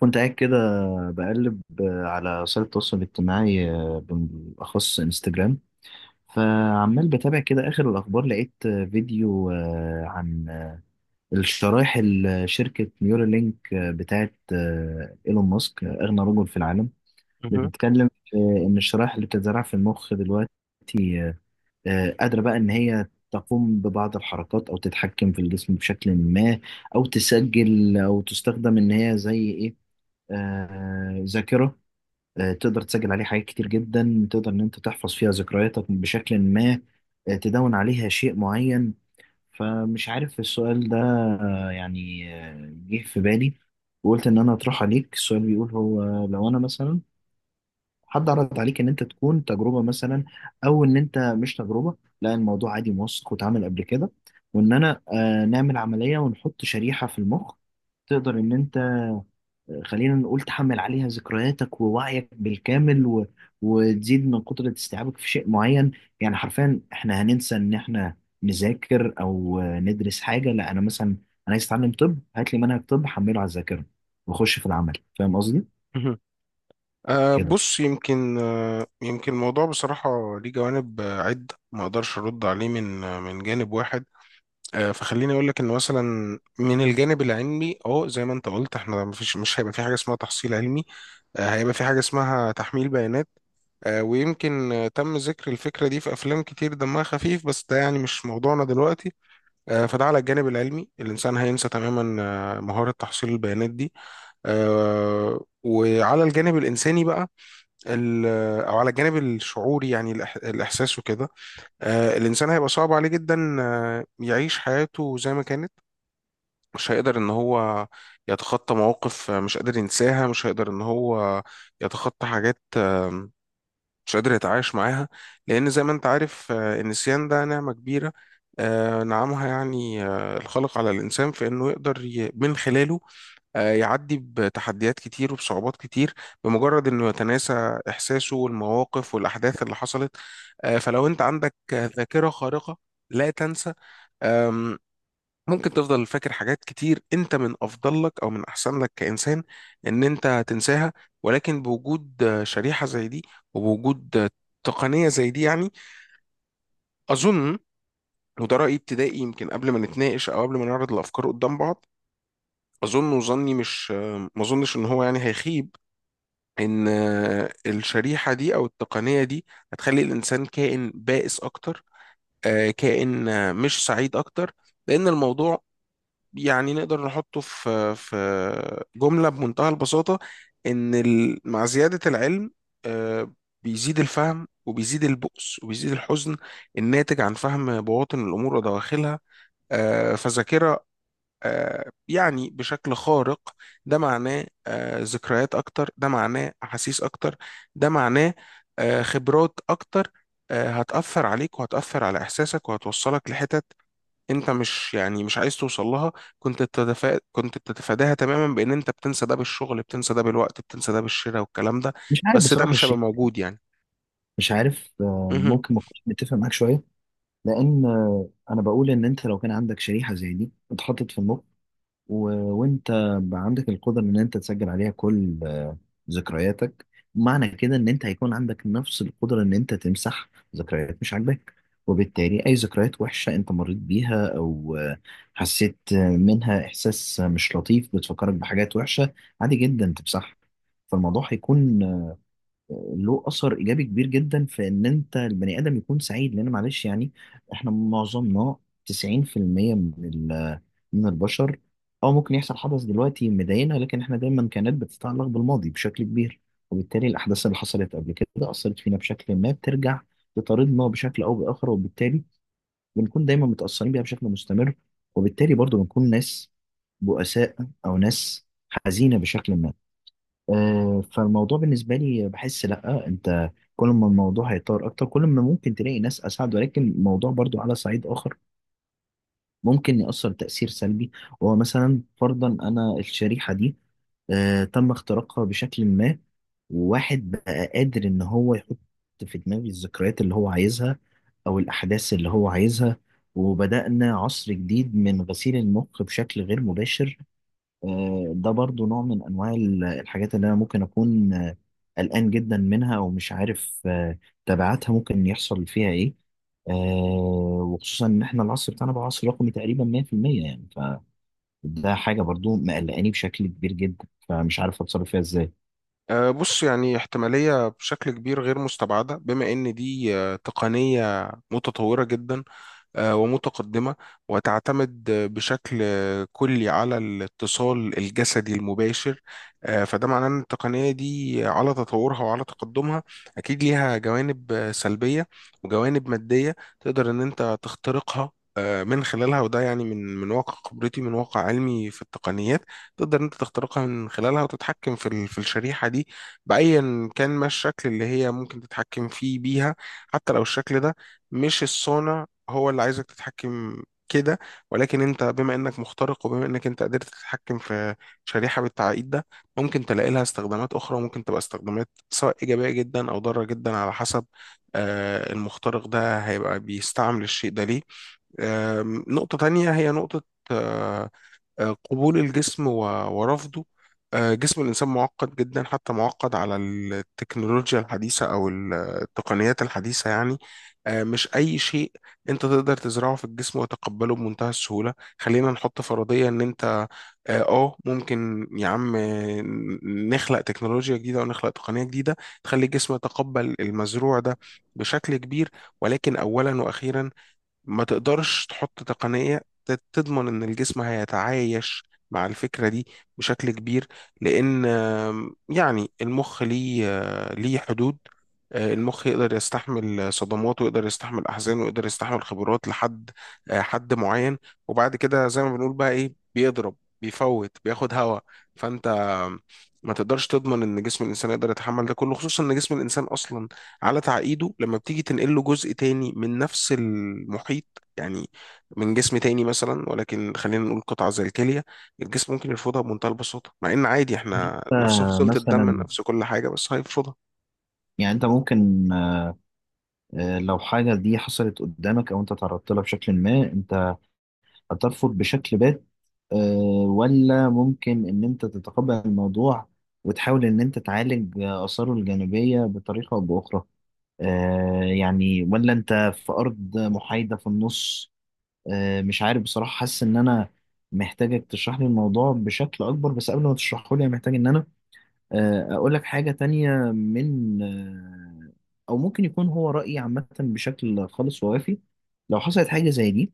كنت قاعد كده بقلب على وسائل التواصل الاجتماعي، بالأخص انستجرام. فعمال بتابع كده آخر الأخبار، لقيت فيديو عن الشرايح اللي شركة نيورالينك بتاعت إيلون ماسك، أغنى رجل في العالم، مهم. بتتكلم في إن الشرايح اللي بتتزرع في المخ دلوقتي قادرة بقى إن هي تقوم ببعض الحركات أو تتحكم في الجسم بشكل ما، أو تسجل، أو تستخدم إن هي زي إيه، ذاكرة. تقدر تسجل عليه حاجات كتير جدا، تقدر ان انت تحفظ فيها ذكرياتك بشكل ما، تدون عليها شيء معين. فمش عارف السؤال ده يعني جه في بالي، وقلت ان انا اطرح عليك السؤال. بيقول هو لو انا مثلا حد عرض عليك ان انت تكون تجربة، مثلا، او ان انت مش تجربة، لا الموضوع عادي موثق واتعمل قبل كده، وان انا نعمل عملية ونحط شريحة في المخ، تقدر ان انت، خلينا نقول، تحمل عليها ذكرياتك ووعيك بالكامل، و... وتزيد من قدرة استيعابك في شيء معين. يعني حرفيا احنا هننسى ان احنا نذاكر او ندرس حاجة، لا انا مثلا انا عايز اتعلم طب، هات لي منهج طب حمله على الذاكرة واخش في العمل. فاهم قصدي مهم. كده؟ بص، يمكن الموضوع بصراحة ليه جوانب عدة، ما أقدرش أرد عليه من جانب واحد. فخليني أقول لك إن مثلا من الجانب العلمي زي ما أنت قلت، إحنا مش هيبقى في حاجة اسمها تحصيل علمي، هيبقى في حاجة اسمها تحميل بيانات. ويمكن تم ذكر الفكرة دي في أفلام كتير دمها خفيف، بس ده يعني مش موضوعنا دلوقتي. فده على الجانب العلمي، الإنسان هينسى تماما مهارة تحصيل البيانات دي. وعلى الجانب الإنساني بقى، ال- أو على الجانب الشعوري، يعني الإحساس وكده، الإنسان هيبقى صعب عليه جدا يعيش حياته زي ما كانت. مش هيقدر إن هو يتخطى مواقف مش قادر ينساها، مش هيقدر إن هو يتخطى حاجات مش قادر يتعايش معاها، لأن زي ما أنت عارف النسيان ده نعمة كبيرة نعمها يعني الخالق على الإنسان، في إنه يقدر من خلاله يعدي بتحديات كتير وبصعوبات كتير بمجرد انه يتناسى احساسه والمواقف والاحداث اللي حصلت. فلو انت عندك ذاكرة خارقة لا تنسى، آم، ممكن تفضل فاكر حاجات كتير انت من افضل لك او من احسن لك كانسان ان انت تنساها. ولكن بوجود شريحة زي دي، وبوجود تقنية زي دي، يعني اظن، وده رأيي ابتدائي يمكن قبل ما نتناقش او قبل ما نعرض الافكار قدام بعض، اظن، وظني مش آه، ما اظنش ان هو يعني هيخيب، ان الشريحه دي او التقنيه دي هتخلي الانسان كائن بائس اكتر كائن مش سعيد اكتر. لان الموضوع يعني نقدر نحطه في في جمله بمنتهى البساطه، ان مع زياده العلم آه، بيزيد الفهم وبيزيد البؤس وبيزيد الحزن الناتج عن فهم بواطن الامور ودواخلها. فذاكره يعني بشكل خارق، ده معناه ذكريات اكتر، ده معناه احاسيس اكتر، ده معناه خبرات اكتر هتأثر عليك وهتأثر على احساسك وهتوصلك لحتت انت مش يعني مش عايز توصل لها، كنت بتتفاداها تماما بان انت بتنسى ده بالشغل، بتنسى ده بالوقت، بتنسى ده بالشراء، والكلام ده مش عارف بس ده بصراحة مش هيبقى الشيء، موجود يعني. مش عارف، مهم. ممكن ما اكونش متفق معاك شوية، لان انا بقول ان انت لو كان عندك شريحة زي دي اتحطت في المخ و... وانت بقى عندك القدرة ان انت تسجل عليها كل ذكرياتك، معنى كده ان انت هيكون عندك نفس القدرة ان انت تمسح ذكريات مش عاجباك. وبالتالي اي ذكريات وحشة انت مريت بيها او حسيت منها احساس مش لطيف بتفكرك بحاجات وحشة، عادي جدا تمسحها. فالموضوع هيكون له اثر ايجابي كبير جدا في ان انت البني ادم يكون سعيد، لان معلش يعني احنا معظمنا 90% من من البشر، او ممكن يحصل حدث دلوقتي مضايقنا، لكن احنا دايما كانت بتتعلق بالماضي بشكل كبير. وبالتالي الاحداث اللي حصلت قبل كده اثرت فينا بشكل ما، بترجع تطاردنا بشكل او باخر، وبالتالي بنكون دايما متاثرين بيها بشكل مستمر، وبالتالي برضو بنكون ناس بؤساء، او ناس حزينه بشكل ما. فالموضوع بالنسبة لي، بحس لأ، أنت كل ما الموضوع هيطور أكتر، كل ما ممكن تلاقي ناس أسعد. ولكن الموضوع برضو على صعيد آخر ممكن يأثر تأثير سلبي، وهو مثلا فرضا أنا الشريحة دي تم اختراقها بشكل ما، وواحد بقى قادر إن هو يحط في دماغي الذكريات اللي هو عايزها أو الأحداث اللي هو عايزها، وبدأنا عصر جديد من غسيل المخ بشكل غير مباشر. ده برضو نوع من انواع الحاجات اللي انا ممكن اكون قلقان جدا منها، او مش عارف تبعاتها ممكن يحصل فيها ايه، وخصوصا ان احنا العصر بتاعنا بقى عصر رقمي تقريبا 100% يعني. فده حاجه برضو مقلقاني بشكل كبير جدا، فمش عارف اتصرف فيها ازاي. بص، يعني احتمالية بشكل كبير غير مستبعدة، بما ان دي تقنية متطورة جدا ومتقدمة، وتعتمد بشكل كلي على الاتصال الجسدي المباشر. فده معناه ان التقنية دي على تطورها وعلى تقدمها اكيد ليها جوانب سلبية وجوانب مادية تقدر ان انت تخترقها من خلالها، وده يعني من واقع خبرتي، من واقع علمي في التقنيات، تقدر إن انت تخترقها من خلالها وتتحكم في الشريحة دي بأيا كان ما الشكل اللي هي ممكن تتحكم فيه بيها، حتى لو الشكل ده مش الصانع هو اللي عايزك تتحكم كده. ولكن انت بما انك مخترق، وبما انك انت قدرت تتحكم في شريحة بالتعقيد ده، ممكن تلاقي لها استخدامات اخرى، ممكن تبقى استخدامات سواء ايجابية جدا او ضارة جدا على حسب المخترق ده هيبقى بيستعمل الشيء ده ليه. نقطة تانية هي نقطة آه، قبول الجسم ورفضه. جسم الإنسان معقد جدا، حتى معقد على التكنولوجيا الحديثة أو التقنيات الحديثة يعني. مش أي شيء أنت تقدر تزرعه في الجسم وتقبله بمنتهى السهولة. خلينا نحط فرضية إن أنت ممكن يا عم نخلق تكنولوجيا جديدة ونخلق تقنية جديدة تخلي الجسم يتقبل المزروع ده بشكل كبير، ولكن أولا وأخيرا ما تقدرش تحط تقنية تضمن إن الجسم هيتعايش مع الفكرة دي بشكل كبير، لأن يعني المخ ليه ليه حدود. المخ يقدر يستحمل صدمات، ويقدر يستحمل أحزان، ويقدر يستحمل خبرات لحد حد معين، وبعد كده زي ما بنقول بقى إيه، بيضرب، بيفوت، بياخد هوا. فأنت ما تقدرش تضمن إن جسم الإنسان يقدر يتحمل ده كله، خصوصا إن جسم الإنسان أصلا على تعقيده لما بتيجي تنقل له جزء تاني من نفس المحيط، يعني من جسم تاني مثلا، ولكن خلينا نقول قطعة زي الكلية، الجسم ممكن يرفضها بمنتهى البساطة، مع إن عادي إحنا نفس فصيلة الدم، مثلا، نفس كل حاجة، بس هيرفضها. يعني انت ممكن لو حاجه دي حصلت قدامك او انت تعرضت لها بشكل ما، انت هترفض بشكل بات، آه، ولا ممكن إن أنت تتقبل الموضوع وتحاول إن أنت تعالج آثاره الجانبية بطريقة أو بأخرى، يعني، ولا أنت في أرض محايدة في النص؟ مش عارف بصراحة، حاسس إن أنا محتاجك تشرح لي الموضوع بشكل أكبر. بس قبل ما تشرحه لي، أنا محتاج إن أنا أقول لك حاجة تانية من أو ممكن يكون هو رأيي عامة بشكل خالص ووافي. لو حصلت حاجة زي دي،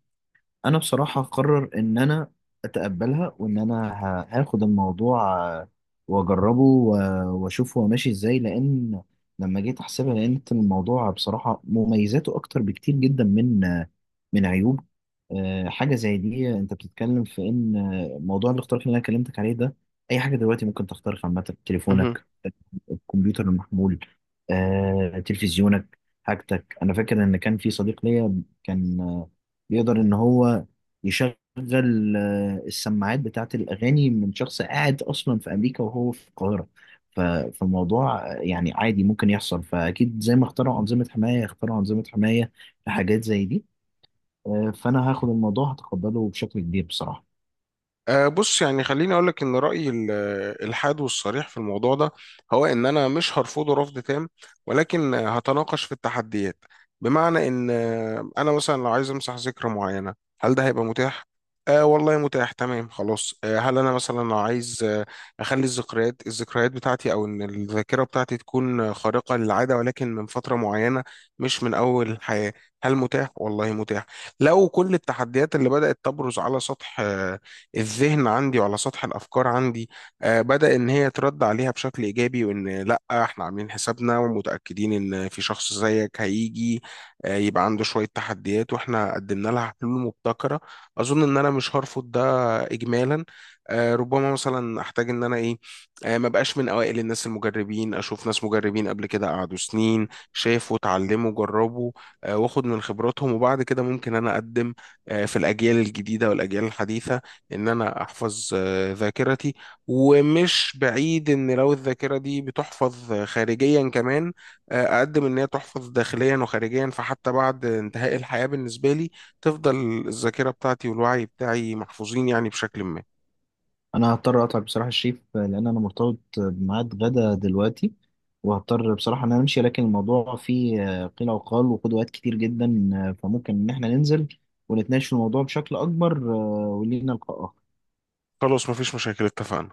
انا بصراحه قرر ان انا اتقبلها، وان انا هاخد الموضوع واجربه و- واشوف هو ماشي ازاي. لان لما جيت احسبها، لقيت الموضوع بصراحه مميزاته اكتر بكتير جدا من من عيوب حاجه زي دي. انت بتتكلم في ان موضوع الاختراق اللي انا كلمتك عليه ده، اي حاجه دلوقتي ممكن تخترق، عامه تليفونك، الكمبيوتر المحمول، تلفزيونك، حاجتك. انا فاكر ان كان في صديق ليا كان بيقدر ان هو يشغل السماعات بتاعت الأغاني من شخص قاعد أصلا في أمريكا وهو في القاهرة. ف- فالموضوع يعني عادي ممكن يحصل. فأكيد زي ما اخترعوا أنظمة حماية، اخترعوا أنظمة حماية لحاجات زي دي. فأنا هاخد الموضوع، هتقبله بشكل كبير بصراحة. بص، يعني خليني أقولك إن رأيي الحاد والصريح في الموضوع ده هو إن أنا مش هرفضه رفض تام، ولكن هتناقش في التحديات، بمعنى إن أنا مثلا لو عايز أمسح ذكرى معينة، هل ده هيبقى متاح؟ والله متاح، تمام خلاص. هل أنا مثلا لو عايز أخلي الذكريات بتاعتي، أو إن الذاكرة بتاعتي تكون خارقة للعادة ولكن من فترة معينة مش من أول الحياة، هل متاح؟ والله متاح. لو كل التحديات اللي بدأت تبرز على سطح الذهن عندي وعلى سطح الافكار عندي بدا ان هي ترد عليها بشكل ايجابي، وان لا احنا عاملين حسابنا ومتاكدين ان في شخص زيك هيجي يبقى عنده شويه تحديات، واحنا قدمنا لها حلول مبتكره، اظن ان انا مش هرفض ده اجمالا. ربما مثلا احتاج ان انا ايه ما بقاش من اوائل الناس المجربين، اشوف ناس مجربين قبل كده قعدوا سنين، شافوا، اتعلموا، جربوا واخد من خبراتهم، وبعد كده ممكن انا اقدم في الاجيال الجديده والاجيال الحديثه ان انا احفظ ذاكرتي. ومش بعيد ان لو الذاكره دي بتحفظ خارجيا كمان اقدم ان هي تحفظ داخليا وخارجيا، فحتى بعد انتهاء الحياه بالنسبه لي تفضل الذاكره بتاعتي والوعي بتاعي محفوظين يعني بشكل ما. أنا هضطر أقطع بصراحة الشيف لأن أنا مرتبط بميعاد غدا دلوقتي، وهضطر بصراحة إن أنا أمشي. لكن الموضوع فيه قيل وقال وقدوات كتير جدا، فممكن إن إحنا ننزل ونتناقش في الموضوع بشكل أكبر. ولينا لقاء آخر. خلاص، مفيش مشاكل، اتفقنا.